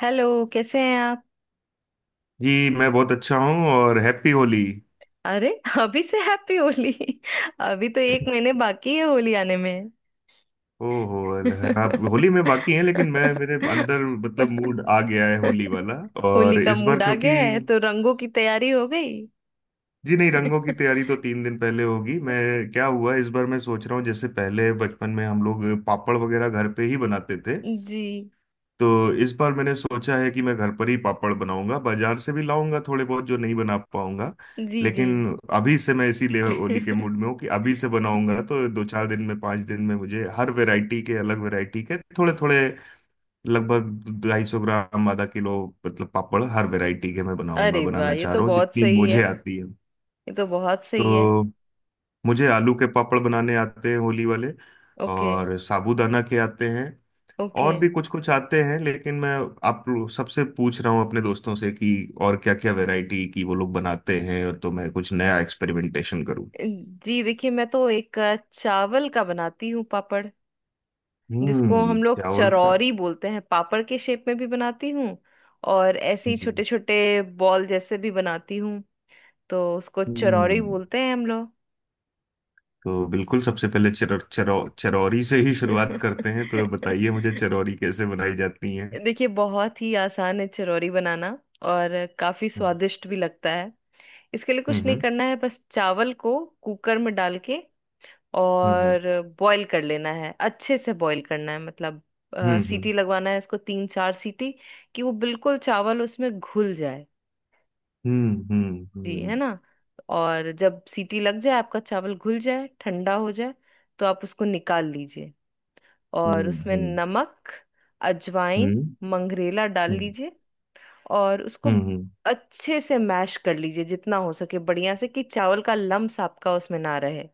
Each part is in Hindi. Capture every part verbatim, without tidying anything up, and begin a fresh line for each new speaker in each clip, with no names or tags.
हेलो। कैसे हैं आप?
जी, मैं बहुत अच्छा हूँ और हैप्पी होली।
अरे, अभी से हैप्पी होली? अभी तो एक महीने बाकी है होली आने में।
ओहो, अल- आप होली में बाकी हैं, लेकिन मैं, मेरे अंदर मतलब मूड आ गया है होली वाला।
होली
और
का
इस बार
मूड आ
क्योंकि।
गया है तो रंगों की तैयारी हो गई?
जी नहीं, रंगों की तैयारी तो तीन दिन पहले होगी। मैं क्या हुआ, इस बार मैं सोच रहा हूँ, जैसे पहले बचपन में हम लोग पापड़ वगैरह घर पे ही बनाते थे।
जी
तो इस बार मैंने सोचा है कि मैं घर पर ही पापड़ बनाऊंगा, बाजार से भी लाऊंगा थोड़े बहुत, जो नहीं बना पाऊंगा।
जी जी।
लेकिन अभी से मैं इसीलिए होली के मूड में हूँ, कि अभी से बनाऊंगा तो दो चार दिन में, पाँच दिन में मुझे हर वैरायटी के, अलग वैरायटी के थोड़े थोड़े, लगभग ढाई सौ ग्राम, आधा किलो मतलब पापड़ हर वैरायटी के मैं बनाऊंगा,
अरे वाह,
बनाना
ये
चाह
तो
रहा हूँ
बहुत
जितनी
सही
मुझे
है।
आती है।
ये तो बहुत
तो
सही है।
मुझे आलू के पापड़ बनाने आते हैं, होली वाले।
ओके,
और साबूदाना के आते हैं,
ओके।
और भी कुछ कुछ आते हैं, लेकिन मैं आप लो- सबसे पूछ रहा हूँ अपने दोस्तों से कि और क्या क्या वैरायटी की वो लोग बनाते हैं, और तो मैं कुछ नया एक्सपेरिमेंटेशन करूँ।
जी देखिए, मैं तो एक अ, चावल का बनाती हूँ पापड़, जिसको
हम्म,
हम लोग
चावल का।
चरौरी बोलते हैं। पापड़ के शेप में भी बनाती हूँ, और ऐसे ही
जी।
छोटे छोटे बॉल जैसे भी बनाती हूँ। तो उसको चरौरी
हम्म।
बोलते हैं हम लोग।
तो बिल्कुल सबसे पहले चर, चरौ, चरौरी से ही शुरुआत करते हैं, तो बताइए मुझे चरौरी कैसे बनाई जाती है।
देखिए, बहुत ही आसान है चरौरी बनाना, और काफी
हम्म,
स्वादिष्ट भी लगता है। इसके लिए कुछ नहीं
हम्म,
करना है, बस चावल को कुकर में डाल के
हम्म,
और बॉईल कर लेना है। अच्छे से बॉईल करना है, मतलब अ,
हम्म,
सीटी लगवाना है इसको, तीन चार सीटी, कि वो बिल्कुल चावल उसमें घुल जाए।
हम्म, हम्म,
जी, है
हम्म,
ना। और जब सीटी लग जाए, आपका चावल घुल जाए, ठंडा हो जाए, तो आप उसको निकाल लीजिए।
हम्म,
और
हम्म,
उसमें
हम्म,
नमक, अजवाइन,
हम्म,
मंगरेला डाल
हम्म,
लीजिए। और उसको
हम्म, हम्म।
अच्छे से मैश कर लीजिए, जितना हो सके बढ़िया से, कि चावल का लम्स आपका उसमें ना रहे।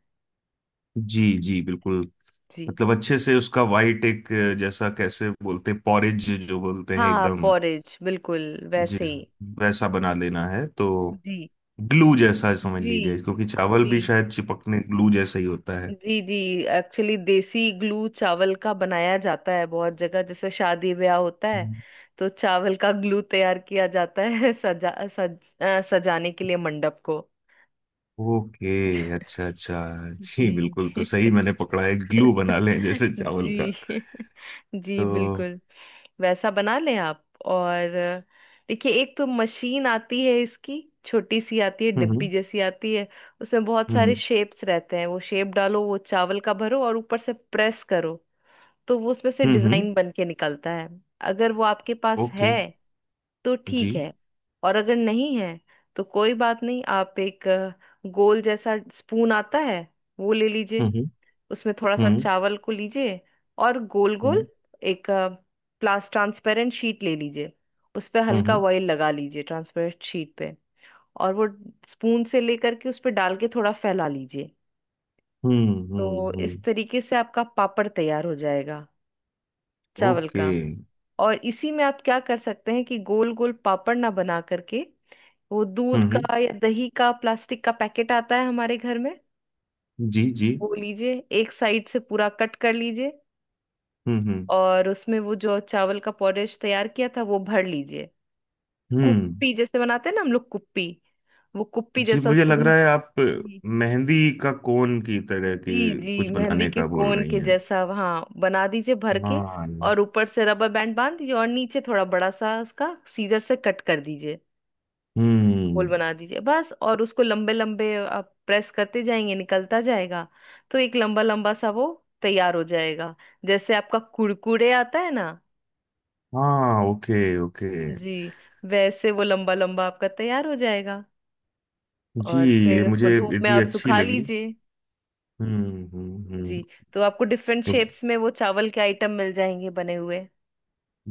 जी जी, बिल्कुल।
जी।
मतलब अच्छे से उसका वाइट, एक अ, जैसा कैसे बोलते हैं, पॉरेज जो बोलते हैं
हाँ,
एकदम।
पॉरेज बिल्कुल वैसे
जिस
ही।
वैसा बना लेना है तो,
जी
ग्लू जैसा समझ
जी
लीजिए, क्योंकि चावल
जी
भी शायद चिपकने ग्लू जैसा ही होता है।
जी जी। एक्चुअली देसी ग्लू चावल का बनाया जाता है बहुत जगह, जैसे शादी ब्याह होता है तो चावल का ग्लू तैयार किया जाता है। सजा सज अ, सजाने के लिए मंडप को।
ओके। अच्छा अच्छा। जी
जी।
बिल्कुल, तो सही मैंने पकड़ा है, ग्लू बना लें जैसे चावल का।
जी। जी,
तो
बिल्कुल वैसा बना लें आप। और देखिए, एक तो मशीन आती है इसकी, छोटी सी आती है, डिब्बी
हम्म,
जैसी आती है। उसमें बहुत सारे
हम्म,
शेप्स रहते हैं। वो शेप डालो, वो चावल का भरो और ऊपर से प्रेस करो, तो वो उसमें से
हम्म, हम्म, हम्म।
डिजाइन बन के निकलता है। अगर वो आपके पास है
ओके।
तो ठीक
जी।
है। और अगर नहीं है तो कोई बात नहीं, आप एक अ, गोल जैसा स्पून आता है, वो ले लीजिए।
हम्म,
उसमें थोड़ा सा
हम्म,
चावल को लीजिए और गोल गोल,
हम्म,
एक प्लास ट्रांसपेरेंट शीट ले लीजिए। उस पर
हम्म,
हल्का
हम्म,
ऑयल लगा लीजिए, ट्रांसपेरेंट शीट पे। और वो स्पून से लेकर के उस पर डाल के थोड़ा फैला लीजिए।
हम्म, हम्म,
तो
हम्म।
इस तरीके से आपका पापड़ तैयार हो जाएगा, चावल का।
ओके।
और इसी में आप क्या कर सकते हैं कि गोल गोल पापड़ ना बना करके, वो दूध
हम्म, हम्म,
का या दही का प्लास्टिक का पैकेट आता है हमारे घर में,
जी जी।
वो लीजिए। एक साइड से पूरा कट कर लीजिए
हम्म, हम्म।
और उसमें वो जो चावल का पॉरेज तैयार किया था, वो भर लीजिए।
हम्म।
कुप्पी जैसे बनाते हैं ना हम लोग, कुप्पी। वो कुप्पी
जी
जैसा
मुझे
उसको
लग
बना।
रहा है आप
जी
मेहंदी का कोन की तरह की
जी, जी,
कुछ
मेहंदी
बनाने
के
का बोल
कोन
रही
के
हैं।
जैसा, हाँ, बना दीजिए भर के।
हाँ।
और ऊपर से रबर बैंड बांध दीजिए, और नीचे थोड़ा बड़ा सा उसका सीजर से कट कर दीजिए। गोल
हम्म।
बना दीजिए बस, और उसको लंबे लंबे आप प्रेस करते जाएंगे, निकलता जाएगा। तो एक लंबा लंबा सा वो तैयार हो जाएगा, जैसे आपका कुरकुरे आता है ना।
हाँ, ओके ओके।
जी। वैसे वो लंबा लंबा आपका तैयार हो जाएगा।
जी।
और
ये
फिर
मुझे
उसको धूप में
यदि
आप
अच्छी
सुखा
लगी।
लीजिए।
हम्म, हम्म, हम्म।
जी। तो आपको डिफरेंट
क्योंकि
शेप्स में वो चावल के आइटम मिल जाएंगे बने हुए।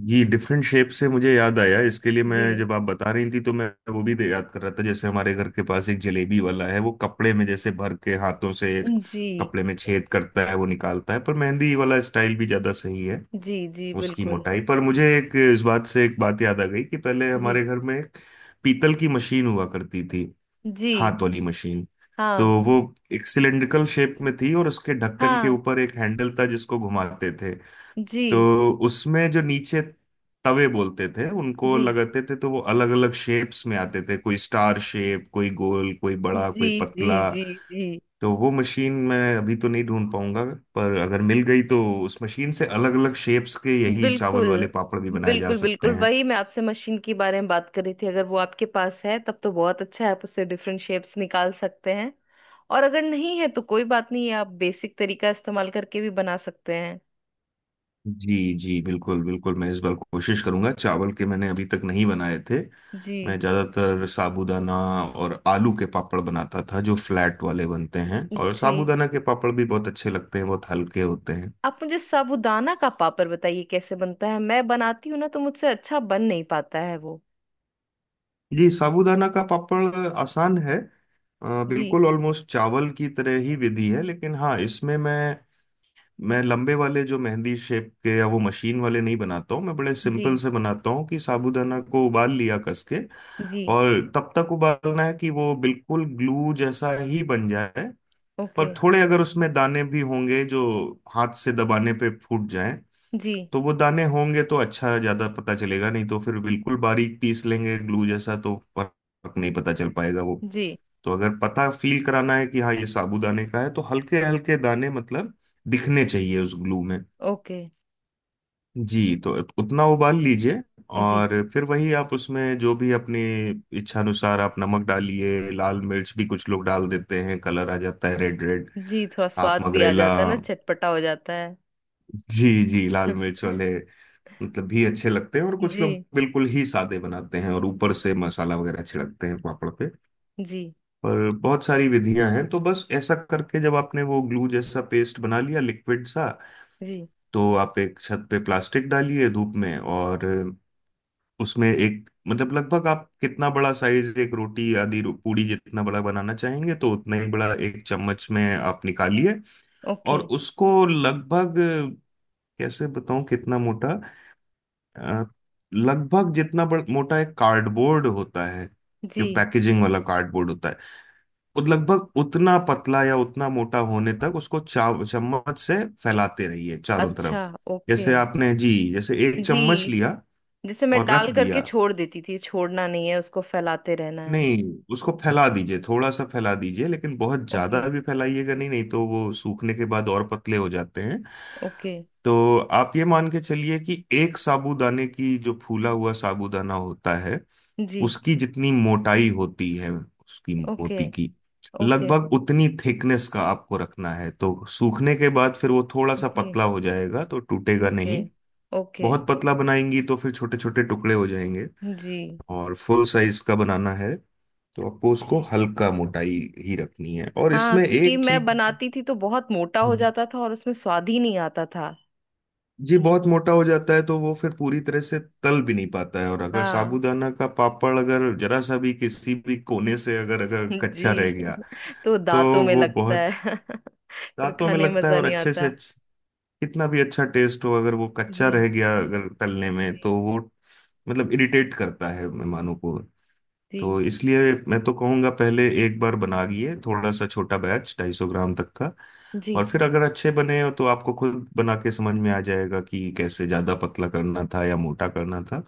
ये डिफरेंट शेप से मुझे याद आया, इसके लिए
जी
मैं जब आप बता रही थी, तो मैं वो भी दे- याद कर रहा था, जैसे हमारे घर के पास एक जलेबी वाला है, वो कपड़े में जैसे भर के हाथों से
जी।
कपड़े में छेद करता है, वो निकालता है। पर मेहंदी वाला स्टाइल भी ज्यादा सही है।
जी जी
उसकी
बिल्कुल।
मोटाई पर मुझे एक इस बात से एक बात याद आ गई, कि पहले
जी
हमारे घर में एक पीतल की मशीन हुआ करती थी,
जी।
हाथ वाली मशीन। तो
हाँ
वो एक सिलेंड्रिकल शेप में थी, और उसके ढक्कन के
हाँ।
ऊपर एक हैंडल था जिसको घुमाते थे।
जी
तो उसमें जो नीचे तवे बोलते थे उनको
जी
लगाते थे, तो वो अलग अलग शेप्स में आते थे, कोई स्टार शेप, कोई गोल, कोई
जी
बड़ा, कोई
जी
पतला।
जी जी। जी,
तो वो मशीन मैं अभी तो नहीं ढूंढ पाऊंगा, पर अगर मिल गई तो उस मशीन से अलग अलग शेप्स के यही चावल
बिल्कुल
वाले पापड़ भी बनाए जा
बिल्कुल,
सकते
बिल्कुल
हैं।
वही मैं आपसे मशीन के बारे में बात कर रही थी। अगर वो आपके पास है तब तो बहुत अच्छा है, आप उससे डिफरेंट शेप्स निकाल सकते हैं। और अगर नहीं है तो कोई बात नहीं है, आप बेसिक तरीका इस्तेमाल करके भी बना सकते हैं।
जी जी, बिल्कुल बिल्कुल, मैं इस बार कोशिश करूंगा चावल के, मैंने अभी तक नहीं बनाए थे।
जी।
मैं ज्यादातर साबूदाना और आलू के पापड़ बनाता था, जो फ्लैट वाले बनते हैं, और
जी
साबूदाना के पापड़ भी बहुत अच्छे लगते हैं, बहुत हल्के होते हैं।
आप मुझे साबूदाना का पापड़ बताइए कैसे बनता है। मैं बनाती हूँ ना, तो मुझसे अच्छा बन नहीं पाता है वो।
जी, साबूदाना का पापड़ आसान है। अ,
जी।
बिल्कुल ऑलमोस्ट चावल की तरह ही विधि है, लेकिन हाँ, इसमें मैं मैं लंबे वाले जो मेहंदी शेप के या वो मशीन वाले नहीं बनाता हूँ। मैं बड़े
जी।
सिंपल से बनाता हूँ, कि साबूदाना को उबाल लिया कस के,
जी।
और तब तक उबालना है कि वो बिल्कुल ग्लू जैसा ही बन जाए।
ओके।
पर थोड़े अगर उसमें दाने भी होंगे, जो हाथ से दबाने पे फूट जाएं,
जी।
तो वो दाने होंगे तो अच्छा, ज्यादा पता चलेगा। नहीं तो फिर बिल्कुल बारीक पीस लेंगे ग्लू जैसा तो फर्क नहीं पता चल पाएगा वो।
जी।
तो अगर पता फील कराना है कि हाँ, ये साबूदाने का है, तो हल्के हल्के दाने मतलब दिखने चाहिए उस ग्लू में।
ओके।
जी, तो उतना उबाल लीजिए।
जी।
और फिर वही आप उसमें जो भी अपनी इच्छानुसार आप नमक डालिए, लाल मिर्च भी कुछ लोग डाल देते हैं, कलर आ जाता है रेड रेड।
जी थोड़ा
आप
स्वाद भी आ
मगरेला,
जाता है ना, चटपटा हो जाता है।
जी जी, लाल मिर्च वाले मतलब भी अच्छे लगते हैं। और कुछ
जी।
लोग बिल्कुल ही सादे बनाते हैं, और ऊपर से मसाला वगैरह छिड़कते हैं पापड़ पे।
जी।
और बहुत सारी विधियां हैं। तो बस ऐसा करके, जब आपने वो ग्लू जैसा पेस्ट बना लिया, लिक्विड सा,
जी।
तो आप एक छत पे प्लास्टिक डालिए धूप में, और उसमें एक मतलब लगभग आप कितना बड़ा साइज, एक रोटी आदि रो- पूड़ी जितना बड़ा बनाना चाहेंगे, तो उतना ही बड़ा एक चम्मच में आप निकालिए। और
ओके।
उसको लगभग, कैसे बताऊं कितना मोटा, अ, लगभग जितना बड़, मोटा एक कार्डबोर्ड होता है, जो
जी।
पैकेजिंग वाला कार्डबोर्ड होता है, वो लगभग उतना पतला या उतना मोटा होने तक उसको चा चम्मच से फैलाते रहिए चारों
अच्छा।
तरफ।
ओके।
जैसे आपने, जी जैसे एक
जी,
चम्मच लिया
जिसे मैं
और रख
डाल करके
दिया,
छोड़ देती थी, छोड़ना नहीं है उसको, फैलाते रहना है।
नहीं, उसको फैला दीजिए, थोड़ा सा फैला दीजिए, लेकिन बहुत ज्यादा
ओके,
भी फैलाइएगा नहीं, नहीं तो वो सूखने के बाद और पतले हो जाते हैं।
ओके।
तो आप ये मान के चलिए कि एक साबूदाने की, जो फूला हुआ साबूदाना होता है,
जी।
उसकी जितनी मोटाई होती है, उसकी
ओके,
मोती की,
ओके।
लगभग उतनी थिकनेस का आपको रखना है। तो सूखने के बाद फिर वो थोड़ा सा
जी।
पतला हो जाएगा, तो टूटेगा
ओके,
नहीं।
ओके।
बहुत पतला बनाएंगी तो फिर छोटे छोटे टुकड़े हो जाएंगे।
जी।
और फुल साइज का बनाना है, तो आपको उसको
जी,
हल्का मोटाई ही रखनी है। और
हाँ,
इसमें
क्योंकि
एक
मैं
चीज।
बनाती थी तो बहुत मोटा हो
हम्म।
जाता था और उसमें स्वाद ही नहीं आता था।
जी, बहुत मोटा हो जाता है तो वो फिर पूरी तरह से तल भी नहीं पाता है, और अगर
हाँ।
साबूदाना का पापड़, अगर जरा सा भी किसी भी कोने से अगर अगर कच्चा रह
जी।
गया,
तो
तो
दांतों में
वो
लगता
बहुत
है। फिर
दांतों में
खाने में
लगता है,
मजा
और
नहीं
अच्छे से
आता।
अच्छ- कितना भी अच्छा टेस्ट हो, अगर वो कच्चा
जी
रह गया अगर तलने में, तो
जी
वो मतलब इरिटेट करता है मेहमानों को।
जी
तो इसलिए मैं तो कहूँगा, पहले एक बार बनाइए थोड़ा सा छोटा बैच, ढाई सौ ग्राम तक का।
जी
और फिर अगर अच्छे बने हो, तो आपको खुद बना के समझ में आ जाएगा कि कैसे ज़्यादा पतला करना था या मोटा करना था।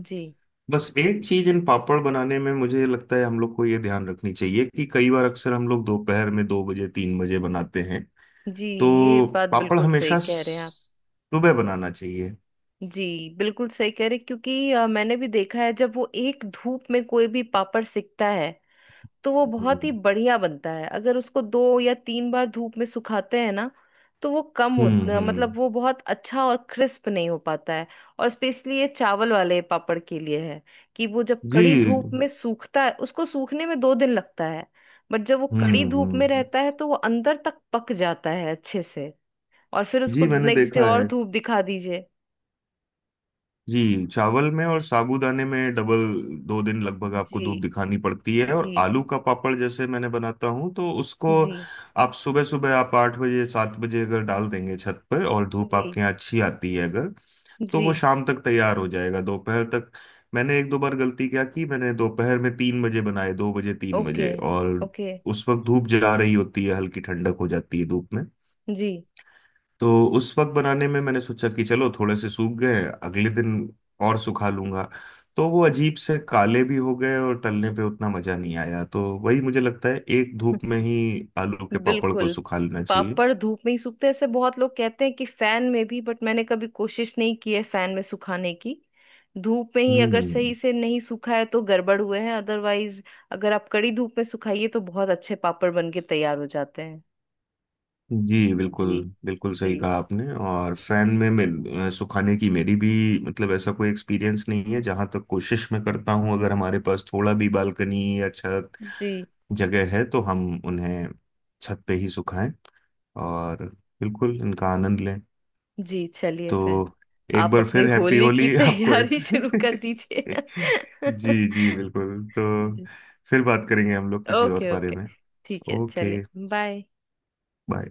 जी
बस एक चीज़ इन पापड़ बनाने में मुझे लगता है हम लोग को ये ध्यान रखनी चाहिए, कि कई बार अक्सर हम लोग दोपहर में दो बजे तीन बजे बनाते हैं।
जी। ये
तो
बात
पापड़
बिल्कुल सही
हमेशा
कह रहे हैं आप।
स- सुबह बनाना चाहिए।
जी, बिल्कुल सही कह रहे हैं, क्योंकि अ, मैंने भी देखा है, जब वो एक धूप में कोई भी पापड़ सिकता है तो वो बहुत ही
हम्म,
बढ़िया बनता है। अगर उसको दो या तीन बार धूप में सुखाते हैं ना, तो वो कम हो
हम्म,
अ,
हम्म।
मतलब वो बहुत अच्छा और क्रिस्प नहीं हो पाता है। और स्पेशली ये चावल वाले पापड़ के लिए है कि वो जब कड़ी
जी।
धूप में सूखता है, उसको सूखने में दो दिन लगता है। बट जब वो
हम्म,
कड़ी धूप
हम्म,
में
हम्म।
रहता है तो वो अंदर तक पक जाता है अच्छे से। और फिर उसको
जी मैंने
नेक्स्ट डे
देखा
और
है,
धूप दिखा दीजिए।
जी चावल में और साबूदाने में डबल, दो दिन लगभग आपको
जी।
धूप दिखानी पड़ती है। और
जी
आलू का पापड़ जैसे मैंने बनाता हूँ तो उसको
जी
आप सुबह सुबह, आप आठ बजे सात बजे अगर डाल देंगे छत पर, और धूप
जी
आपके यहाँ अच्छी आती है अगर, तो
जी।
वो शाम तक तैयार हो जाएगा, दोपहर तक। मैंने एक दो बार गलती क्या की, मैंने दोपहर में तीन बजे बनाए, दो बजे तीन
ओके,
बजे और
ओके।
उस वक्त धूप जला रही होती है, हल्की ठंडक हो जाती है धूप में,
जी,
तो उस वक्त बनाने में मैंने सोचा कि चलो, थोड़े से सूख गए, अगले दिन और सुखा लूंगा। तो वो अजीब से काले भी हो गए, और तलने पे उतना मजा नहीं आया। तो वही मुझे लगता है, एक धूप में ही आलू के पापड़ को
बिल्कुल।
सुखा लेना चाहिए।
पापड़ धूप में ही सूखते हैं। ऐसे बहुत लोग कहते हैं कि फैन में भी, बट मैंने कभी कोशिश नहीं की है फैन में सुखाने की। धूप में ही, अगर
हम्म।
सही से नहीं सूखा है तो गड़बड़ हुए हैं, अदरवाइज अगर आप कड़ी धूप में सुखाइए तो बहुत अच्छे पापड़ बन के तैयार हो जाते हैं।
जी बिल्कुल,
जी।
बिल्कुल
जी
सही कहा आपने। और फैन में मिल, अ, सुखाने की मेरी भी मतलब ऐसा कोई एक्सपीरियंस नहीं है। जहां तक कोशिश मैं करता हूँ, अगर हमारे पास थोड़ा भी बालकनी या छत
जी।
जगह है, तो हम उन्हें छत पे ही सुखाएं, और बिल्कुल इनका आनंद लें।
जी चलिए फिर,
तो एक
आप
बार
अपनी
फिर हैप्पी
होली की
होली आपको।
तैयारी शुरू कर दीजिए।
जी जी, बिल्कुल। तो
जी।
फिर बात करेंगे हम लोग किसी और
ओके,
बारे
ओके।
में।
ठीक है,
ओके।
चलिए, बाय।
बाय।